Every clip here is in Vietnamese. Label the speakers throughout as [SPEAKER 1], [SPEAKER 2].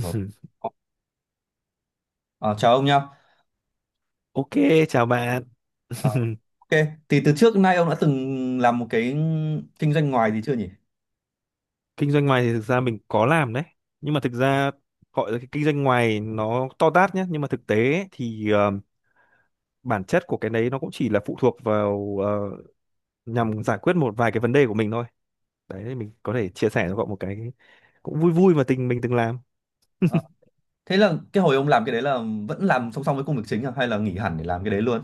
[SPEAKER 1] Rồi. Ờ, ờ, chào ông nhá.
[SPEAKER 2] Ok, chào bạn.
[SPEAKER 1] Ờ, ok, thì từ trước đến nay ông đã từng làm một cái kinh doanh ngoài gì chưa nhỉ?
[SPEAKER 2] Kinh doanh ngoài thì thực ra mình có làm đấy. Nhưng mà thực ra gọi là cái kinh doanh ngoài nó to tát nhé. Nhưng mà thực tế ấy, thì bản chất của cái đấy nó cũng chỉ là phụ thuộc vào nhằm giải quyết một vài cái vấn đề của mình thôi. Đấy, mình có thể chia sẻ cho cậu một cái cũng vui vui mà tình mình từng làm.
[SPEAKER 1] Ờ, thế là cái hồi ông làm cái đấy là vẫn làm song song với công việc chính à? Hay là nghỉ hẳn để làm cái đấy luôn?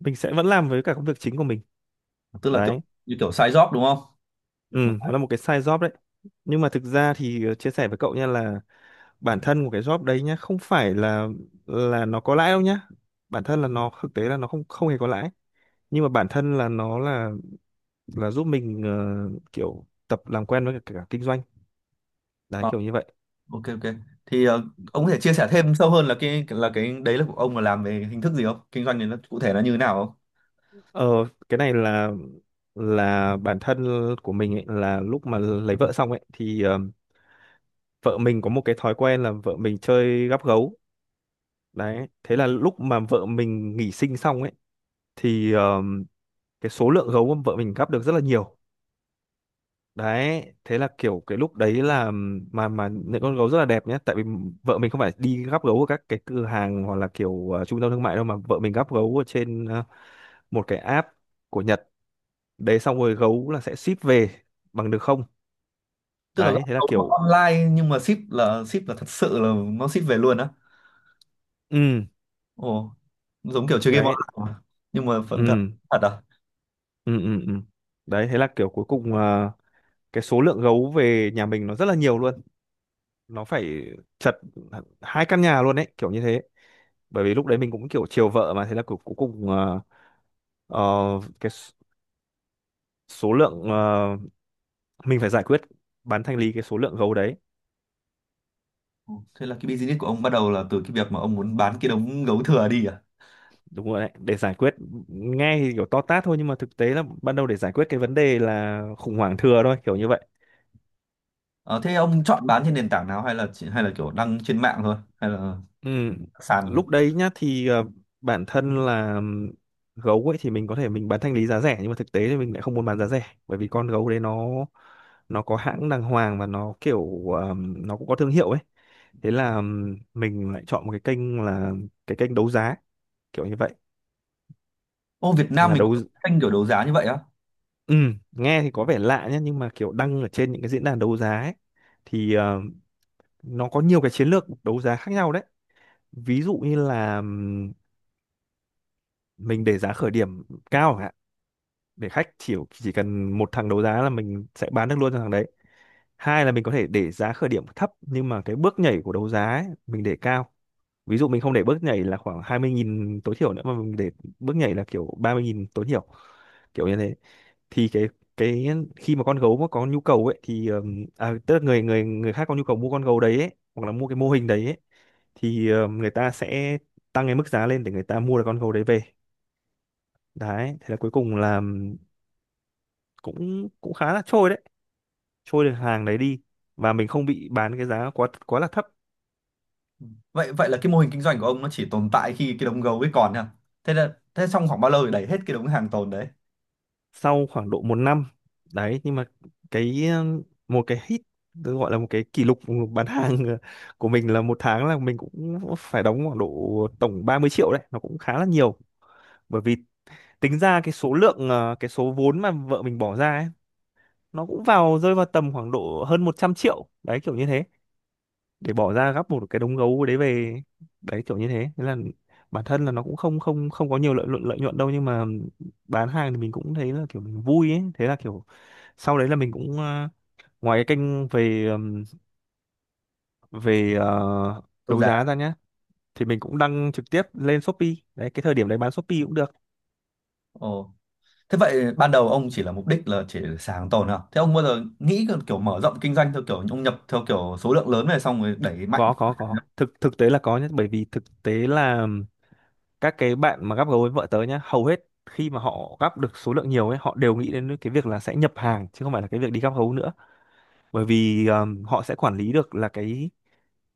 [SPEAKER 2] Mình sẽ vẫn làm với cả công việc chính của mình.
[SPEAKER 1] Tức là kiểu
[SPEAKER 2] Đấy,
[SPEAKER 1] như kiểu side job đúng không?
[SPEAKER 2] ừ,
[SPEAKER 1] Một-
[SPEAKER 2] nó là một cái side job đấy. Nhưng mà thực ra thì chia sẻ với cậu nha là bản thân của cái job đấy nhá không phải là nó có lãi đâu nhá, bản thân là nó thực tế là nó không không hề có lãi, nhưng mà bản thân là nó là giúp mình kiểu tập làm quen với cả kinh doanh, đấy
[SPEAKER 1] ờ,
[SPEAKER 2] kiểu như vậy.
[SPEAKER 1] ok ok. Thì ông có thể chia sẻ thêm sâu hơn là cái đấy là của ông là làm về hình thức gì không? Kinh doanh này nó cụ thể nó như thế nào không?
[SPEAKER 2] ờ cái này là bản thân của mình ấy, là lúc mà lấy vợ xong ấy thì vợ mình có một cái thói quen là vợ mình chơi gắp gấu. Đấy thế là lúc mà vợ mình nghỉ sinh xong ấy thì cái số lượng gấu mà vợ mình gắp được rất là nhiều. Đấy thế là kiểu cái lúc đấy là mà những con gấu rất là đẹp nhé, tại vì vợ mình không phải đi gắp gấu ở các cái cửa hàng hoặc là kiểu trung tâm thương mại đâu, mà vợ mình gắp gấu ở trên một cái app của Nhật. Đấy xong rồi gấu là sẽ ship về bằng đường không,
[SPEAKER 1] Tức là
[SPEAKER 2] đấy thế là
[SPEAKER 1] ông
[SPEAKER 2] kiểu
[SPEAKER 1] online nhưng mà ship là thật sự là nó ship về luôn á.
[SPEAKER 2] ừ.
[SPEAKER 1] Ồ, giống kiểu chơi game
[SPEAKER 2] Đấy.
[SPEAKER 1] online mà, nhưng mà
[SPEAKER 2] Ừ,
[SPEAKER 1] phần thật thật à?
[SPEAKER 2] ừ, ừ, ừ. Đấy thế là kiểu cuối cùng cái số lượng gấu về nhà mình nó rất là nhiều luôn, nó phải chật hai căn nhà luôn, đấy kiểu như thế. Bởi vì lúc đấy mình cũng kiểu chiều vợ mà, thế là cuối cuối cùng ờ, ờ, cái số lượng mình phải giải quyết bán thanh lý cái số lượng gấu đấy.
[SPEAKER 1] Thế là cái business của ông bắt đầu là từ cái việc mà ông muốn bán cái đống gấu thừa đi à?
[SPEAKER 2] Đúng rồi đấy, để giải quyết, nghe thì kiểu to tát thôi nhưng mà thực tế là ban đầu để giải quyết cái vấn đề là khủng hoảng thừa thôi, kiểu như vậy.
[SPEAKER 1] Ờ, thế ông chọn bán trên nền tảng nào hay là hay là kiểu đăng trên mạng thôi hay là
[SPEAKER 2] Ừ.
[SPEAKER 1] sàn.
[SPEAKER 2] Lúc đấy nhá thì bản thân là gấu ấy thì mình có thể mình bán thanh lý giá rẻ, nhưng mà thực tế thì mình lại không muốn bán giá rẻ bởi vì con gấu đấy nó có hãng đàng hoàng và nó kiểu nó cũng có thương hiệu ấy. Thế là mình lại chọn một cái kênh là cái kênh đấu giá, kiểu như vậy,
[SPEAKER 1] Ô, Việt Nam
[SPEAKER 2] là
[SPEAKER 1] mình
[SPEAKER 2] đấu
[SPEAKER 1] có kênh kiểu đấu giá như vậy á?
[SPEAKER 2] ừ, nghe thì có vẻ lạ nhé, nhưng mà kiểu đăng ở trên những cái diễn đàn đấu giá ấy, thì nó có nhiều cái chiến lược đấu giá khác nhau đấy. Ví dụ như là mình để giá khởi điểm cao chẳng hạn, để khách chỉ cần một thằng đấu giá là mình sẽ bán được luôn cho thằng đấy. Hai là mình có thể để giá khởi điểm thấp nhưng mà cái bước nhảy của đấu giá ấy, mình để cao. Ví dụ mình không để bước nhảy là khoảng 20 nghìn tối thiểu nữa mà mình để bước nhảy là kiểu 30 nghìn tối thiểu, kiểu như thế. Thì cái khi mà con gấu mà có nhu cầu ấy thì à, tức là người người người khác có nhu cầu mua con gấu đấy ấy, hoặc là mua cái mô hình đấy ấy, thì người ta sẽ tăng cái mức giá lên để người ta mua được con gấu đấy về. Đấy thế là cuối cùng là cũng cũng khá là trôi đấy, trôi được hàng đấy đi, và mình không bị bán cái giá quá quá là thấp.
[SPEAKER 1] Vậy vậy là cái mô hình kinh doanh của ông nó chỉ tồn tại khi cái đống gấu ấy còn nha. Thế trong khoảng bao lâu thì đẩy hết cái đống hàng tồn đấy?
[SPEAKER 2] Sau khoảng độ một năm, đấy, nhưng mà cái một cái hit, tôi gọi là một cái kỷ lục bán hàng, của mình là một tháng là mình cũng phải đóng khoảng độ tổng 30 triệu đấy, nó cũng khá là nhiều. Bởi vì tính ra cái số lượng cái số vốn mà vợ mình bỏ ra ấy, nó cũng rơi vào tầm khoảng độ hơn 100 triệu đấy, kiểu như thế, để bỏ ra gấp một cái đống gấu đấy về. Đấy kiểu như thế, thế là bản thân là nó cũng không không không có nhiều lợi nhuận đâu, nhưng mà bán hàng thì mình cũng thấy là kiểu mình vui ấy, thế là kiểu sau đấy là mình cũng ngoài cái kênh về về
[SPEAKER 1] Đấu
[SPEAKER 2] đấu
[SPEAKER 1] giá.
[SPEAKER 2] giá ra nhá, thì mình cũng đăng trực tiếp lên Shopee. Đấy cái thời điểm đấy bán Shopee cũng được.
[SPEAKER 1] Ồ, thế vậy ban đầu ông chỉ là mục đích là chỉ sàn hàng tồn à, thế ông bao giờ nghĩ kiểu mở rộng kinh doanh theo kiểu ông nhập theo kiểu số lượng lớn này xong rồi đẩy mạnh?
[SPEAKER 2] Có, thực thực tế là có nhé, bởi vì thực tế là các cái bạn mà gắp gấu với vợ tớ nhá, hầu hết khi mà họ gắp được số lượng nhiều ấy họ đều nghĩ đến cái việc là sẽ nhập hàng chứ không phải là cái việc đi gắp gấu nữa. Bởi vì họ sẽ quản lý được là cái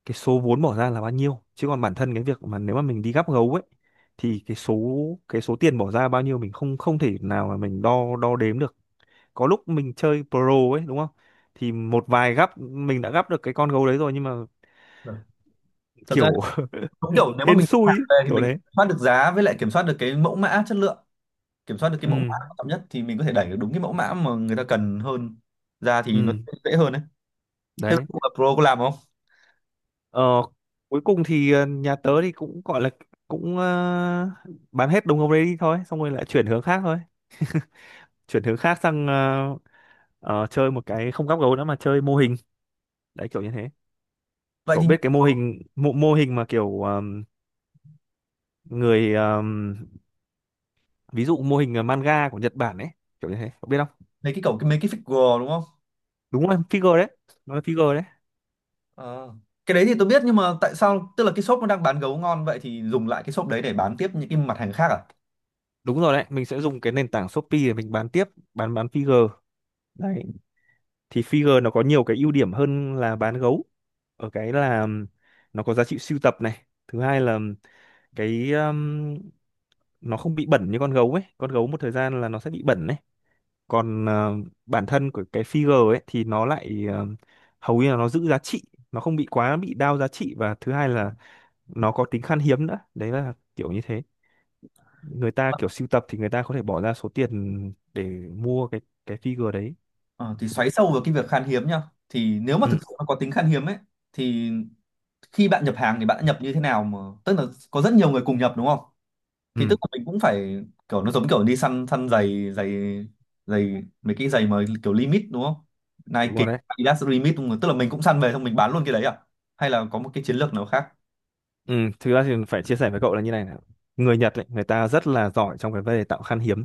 [SPEAKER 2] cái số vốn bỏ ra là bao nhiêu, chứ còn bản thân cái việc mà nếu mà mình đi gắp gấu ấy thì cái số tiền bỏ ra bao nhiêu mình không không thể nào mà mình đo đo đếm được. Có lúc mình chơi pro ấy đúng không, thì một vài gắp mình đã gắp được cái con gấu đấy rồi nhưng mà
[SPEAKER 1] Vâng. Thật ra,
[SPEAKER 2] kiểu
[SPEAKER 1] đúng kiểu nếu mà
[SPEAKER 2] hên
[SPEAKER 1] mình
[SPEAKER 2] xui
[SPEAKER 1] hàng
[SPEAKER 2] ấy,
[SPEAKER 1] về thì
[SPEAKER 2] kiểu
[SPEAKER 1] mình kiểm
[SPEAKER 2] đấy.
[SPEAKER 1] soát được giá với lại kiểm soát được cái mẫu mã chất lượng, kiểm soát được cái
[SPEAKER 2] Ừ,
[SPEAKER 1] mẫu mã quan trọng nhất thì mình có thể đẩy được đúng cái mẫu mã mà người ta cần hơn ra thì nó
[SPEAKER 2] ừ.
[SPEAKER 1] sẽ dễ hơn đấy. Thế
[SPEAKER 2] Đấy.
[SPEAKER 1] là Pro có làm không?
[SPEAKER 2] ờ, Cuối cùng thì nhà tớ thì cũng gọi là cũng bán hết đồng gấu đấy đi thôi, xong rồi lại chuyển hướng khác thôi. Chuyển hướng khác sang chơi một cái không gắp gấu nữa mà chơi mô hình, đấy kiểu như thế.
[SPEAKER 1] Vậy
[SPEAKER 2] Cậu
[SPEAKER 1] thì
[SPEAKER 2] biết cái mô hình mà kiểu người ví dụ mô hình manga của Nhật Bản ấy, kiểu như thế cậu biết không?
[SPEAKER 1] mấy cái cổng cái mấy cái figure đúng không?
[SPEAKER 2] Đúng rồi, figure đấy, nó là figure đấy.
[SPEAKER 1] Ờ. Cái đấy thì tôi biết nhưng mà tại sao tức là cái shop nó đang bán gấu ngon vậy thì dùng lại cái shop đấy để bán tiếp những cái mặt hàng khác à?
[SPEAKER 2] Đúng rồi đấy, mình sẽ dùng cái nền tảng Shopee để mình bán tiếp, bán figure. Đấy thì figure nó có nhiều cái ưu điểm hơn là bán gấu, ở cái là nó có giá trị sưu tập này, thứ hai là cái nó không bị bẩn như con gấu ấy, con gấu một thời gian là nó sẽ bị bẩn ấy, còn bản thân của cái figure ấy thì nó lại hầu như là nó giữ giá trị, nó không bị quá bị đao giá trị, và thứ hai là nó có tính khan hiếm nữa, đấy là kiểu như thế. Người ta kiểu sưu tập thì người ta có thể bỏ ra số tiền để mua cái figure đấy.
[SPEAKER 1] Ờ, thì xoáy sâu vào cái việc khan hiếm nhá. Thì nếu mà thực
[SPEAKER 2] Ừ,
[SPEAKER 1] sự nó có tính khan hiếm ấy thì khi bạn nhập hàng thì bạn đã nhập như thế nào mà tức là có rất nhiều người cùng nhập đúng không?
[SPEAKER 2] ừ.
[SPEAKER 1] Thì tức là mình cũng phải kiểu nó giống kiểu đi săn săn giày giày giày mấy cái giày mà kiểu limit đúng không,
[SPEAKER 2] Đúng
[SPEAKER 1] Nike
[SPEAKER 2] rồi đấy.
[SPEAKER 1] Adidas limit đúng không? Tức là mình cũng săn về xong mình bán luôn cái đấy à, hay là có một cái chiến lược nào khác?
[SPEAKER 2] Ừ, thực ra thì phải chia sẻ với cậu là như này này, người Nhật ấy, người ta rất là giỏi trong cái vấn đề tạo khan hiếm.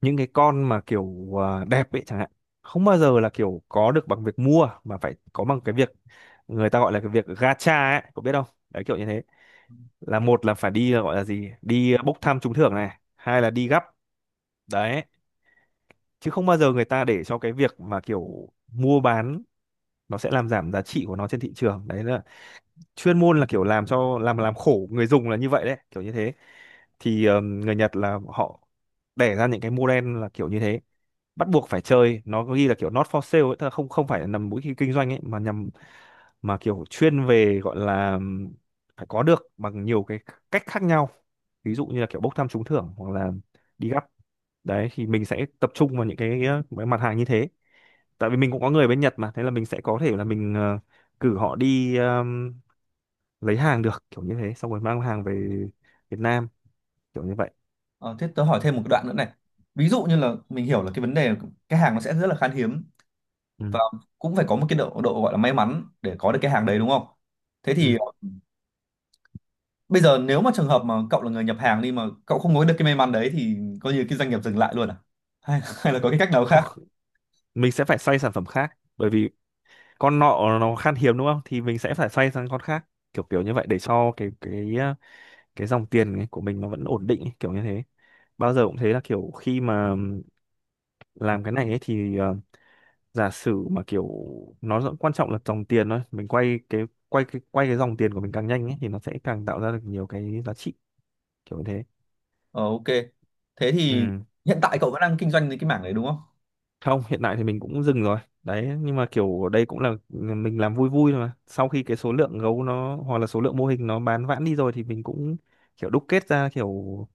[SPEAKER 2] Những cái con mà kiểu à, đẹp ấy chẳng hạn, không bao giờ là kiểu có được bằng việc mua mà phải có bằng cái việc người ta gọi là cái việc gacha ấy, cậu biết không, đấy kiểu như thế. Là một là phải đi, là gọi là gì, đi bốc thăm trúng thưởng này, hai là đi gắp. Đấy, chứ không bao giờ người ta để cho cái việc mà kiểu mua bán, nó sẽ làm giảm giá trị của nó trên thị trường. Đấy là chuyên môn là kiểu làm cho làm khổ người dùng là như vậy, đấy kiểu như thế. Thì người Nhật là họ đẻ ra những cái model là kiểu như thế, bắt buộc phải chơi, nó có ghi là kiểu not for sale ấy, tức là không không phải là nằm mũi kinh kinh doanh ấy, mà nhằm mà kiểu chuyên về, gọi là phải có được bằng nhiều cái cách khác nhau, ví dụ như là kiểu bốc thăm trúng thưởng hoặc là đi gắp. Đấy thì mình sẽ tập trung vào những cái mặt hàng như thế. Tại vì mình cũng có người bên Nhật mà, thế là mình sẽ có thể là mình cử họ đi lấy hàng được, kiểu như thế, xong rồi mang hàng về Việt Nam, kiểu như vậy.
[SPEAKER 1] Ờ, thế tớ hỏi thêm một cái đoạn nữa này. Ví dụ như là mình hiểu là cái vấn đề là cái hàng nó sẽ rất là khan hiếm
[SPEAKER 2] Ừ.
[SPEAKER 1] và cũng phải có một cái độ độ gọi là may mắn để có được cái hàng đấy đúng không? Thế thì
[SPEAKER 2] Ừ.
[SPEAKER 1] bây giờ nếu mà trường hợp mà cậu là người nhập hàng đi mà cậu không có được cái may mắn đấy thì coi như cái doanh nghiệp dừng lại luôn à, hay hay là có cái cách nào
[SPEAKER 2] Không,
[SPEAKER 1] khác?
[SPEAKER 2] mình sẽ phải xoay sản phẩm khác, bởi vì con nọ nó khan hiếm đúng không, thì mình sẽ phải xoay sang con khác, kiểu kiểu như vậy, để cho cái dòng tiền ấy của mình nó vẫn ổn định ấy, kiểu như thế. Bao giờ cũng thế là kiểu, khi mà làm cái này ấy thì giả sử mà kiểu, nó rất quan trọng là dòng tiền thôi, mình quay cái dòng tiền của mình càng nhanh ấy thì nó sẽ càng tạo ra được nhiều cái giá trị, kiểu như thế.
[SPEAKER 1] Ờ, ok. Thế thì
[SPEAKER 2] Ừ.
[SPEAKER 1] hiện tại cậu vẫn đang kinh doanh cái mảng đấy đúng không?
[SPEAKER 2] Không, hiện tại thì mình cũng dừng rồi đấy, nhưng mà kiểu đây cũng là mình làm vui vui thôi mà, sau khi cái số lượng gấu nó hoặc là số lượng mô hình nó bán vãn đi rồi thì mình cũng kiểu đúc kết ra kiểu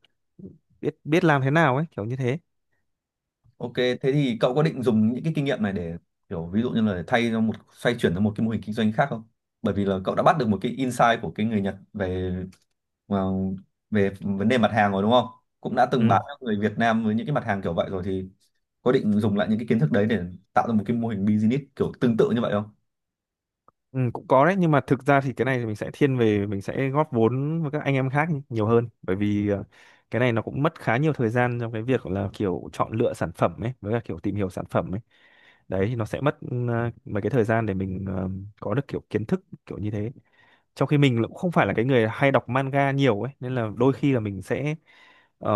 [SPEAKER 2] biết biết làm thế nào ấy, kiểu như thế.
[SPEAKER 1] Ok, thế thì cậu có định dùng những cái kinh nghiệm này để kiểu ví dụ như là thay cho một xoay chuyển sang một cái mô hình kinh doanh khác không? Bởi vì là cậu đã bắt được một cái insight của cái người Nhật về vào- về vấn đề mặt hàng rồi đúng không? Cũng đã từng bán
[SPEAKER 2] Ừ.
[SPEAKER 1] cho người Việt Nam với những cái mặt hàng kiểu vậy rồi thì có định dùng lại những cái kiến thức đấy để tạo ra một cái mô hình business kiểu tương tự như vậy không?
[SPEAKER 2] Ừ, cũng có đấy, nhưng mà thực ra thì cái này thì mình sẽ thiên về mình sẽ góp vốn với các anh em khác nhé, nhiều hơn, bởi vì cái này nó cũng mất khá nhiều thời gian trong cái việc là kiểu chọn lựa sản phẩm ấy với cả kiểu tìm hiểu sản phẩm ấy. Đấy thì nó sẽ mất mấy cái thời gian để mình có được kiểu kiến thức, kiểu như thế. Trong khi mình cũng không phải là cái người hay đọc manga nhiều ấy, nên là đôi khi là mình sẽ ờ,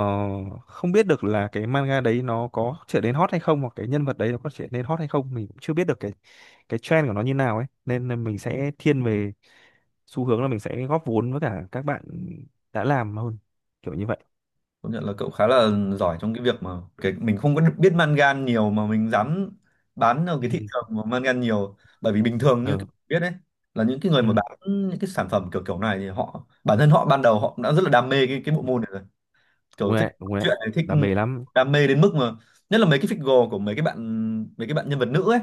[SPEAKER 2] không biết được là cái manga đấy nó có trở nên hot hay không, hoặc cái nhân vật đấy nó có trở nên hot hay không, mình cũng chưa biết được cái trend của nó như nào ấy, nên là mình sẽ thiên về xu hướng là mình sẽ góp vốn với cả các bạn đã làm hơn, kiểu như vậy.
[SPEAKER 1] Công nhận là cậu khá là giỏi trong cái việc mà cái mình không có biết mangan nhiều mà mình dám bán ở cái thị trường mà mangan nhiều, bởi vì bình thường
[SPEAKER 2] Ừ.
[SPEAKER 1] như cậu
[SPEAKER 2] Ừ,
[SPEAKER 1] biết đấy là những cái người
[SPEAKER 2] ừ.
[SPEAKER 1] mà bán những cái sản phẩm kiểu kiểu này thì họ bản thân họ ban đầu họ đã rất là đam mê cái bộ môn này rồi,
[SPEAKER 2] Đúng
[SPEAKER 1] kiểu
[SPEAKER 2] rồi
[SPEAKER 1] thích
[SPEAKER 2] đấy, đúng rồi đấy.
[SPEAKER 1] chuyện này, thích
[SPEAKER 2] Đam mê lắm.
[SPEAKER 1] đam mê đến mức mà nhất là mấy cái figure của mấy cái bạn, mấy cái bạn nhân vật nữ ấy,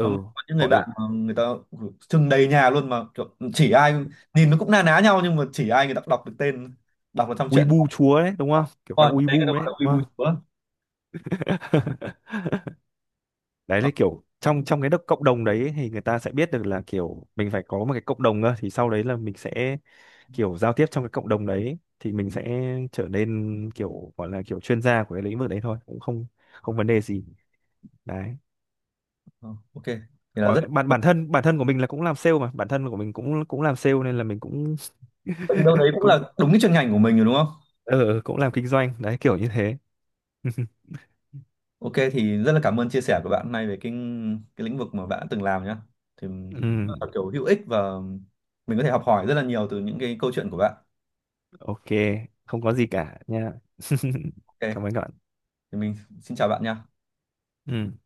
[SPEAKER 1] có có những người
[SPEAKER 2] gọi là
[SPEAKER 1] bạn mà người ta trưng đầy nhà luôn mà kiểu chỉ ai nhìn nó cũng na ná nhau nhưng mà chỉ ai người ta cũng đọc được tên, đọc được trong chuyện.
[SPEAKER 2] Weibo chúa đấy đúng không, kiểu các
[SPEAKER 1] Ôi, đấy cái
[SPEAKER 2] Weibo
[SPEAKER 1] đó gọi
[SPEAKER 2] đấy
[SPEAKER 1] là
[SPEAKER 2] đúng
[SPEAKER 1] quy
[SPEAKER 2] không.
[SPEAKER 1] bù chúa.
[SPEAKER 2] Đấy
[SPEAKER 1] Ờ,
[SPEAKER 2] là kiểu trong trong cái cộng đồng đấy thì người ta sẽ biết được là kiểu mình phải có một cái cộng đồng cơ, thì sau đấy là mình sẽ kiểu giao tiếp trong cái cộng đồng đấy thì mình sẽ trở nên kiểu gọi là kiểu chuyên gia của cái lĩnh vực đấy thôi, cũng không không vấn đề gì, đấy.
[SPEAKER 1] ờ, ok thì là rất.
[SPEAKER 2] Còn bản bản thân của mình là cũng làm sale mà, bản thân của mình cũng cũng làm sale, nên là mình cũng
[SPEAKER 1] Vậy đâu đấy cũng
[SPEAKER 2] cũng
[SPEAKER 1] là đúng cái chuyên ngành của mình rồi đúng không?
[SPEAKER 2] ờ cũng làm kinh doanh đấy, kiểu như thế.
[SPEAKER 1] Ok thì rất là cảm ơn chia sẻ của bạn hôm nay về cái lĩnh vực mà bạn đã từng làm nhá, thì
[SPEAKER 2] Ừ,
[SPEAKER 1] rất là kiểu hữu ích và mình có thể học hỏi rất là nhiều từ những cái câu chuyện của bạn.
[SPEAKER 2] ok, không có gì cả nha. Cảm
[SPEAKER 1] Ok
[SPEAKER 2] ơn các bạn.
[SPEAKER 1] thì mình xin chào bạn nha.
[SPEAKER 2] Ừ.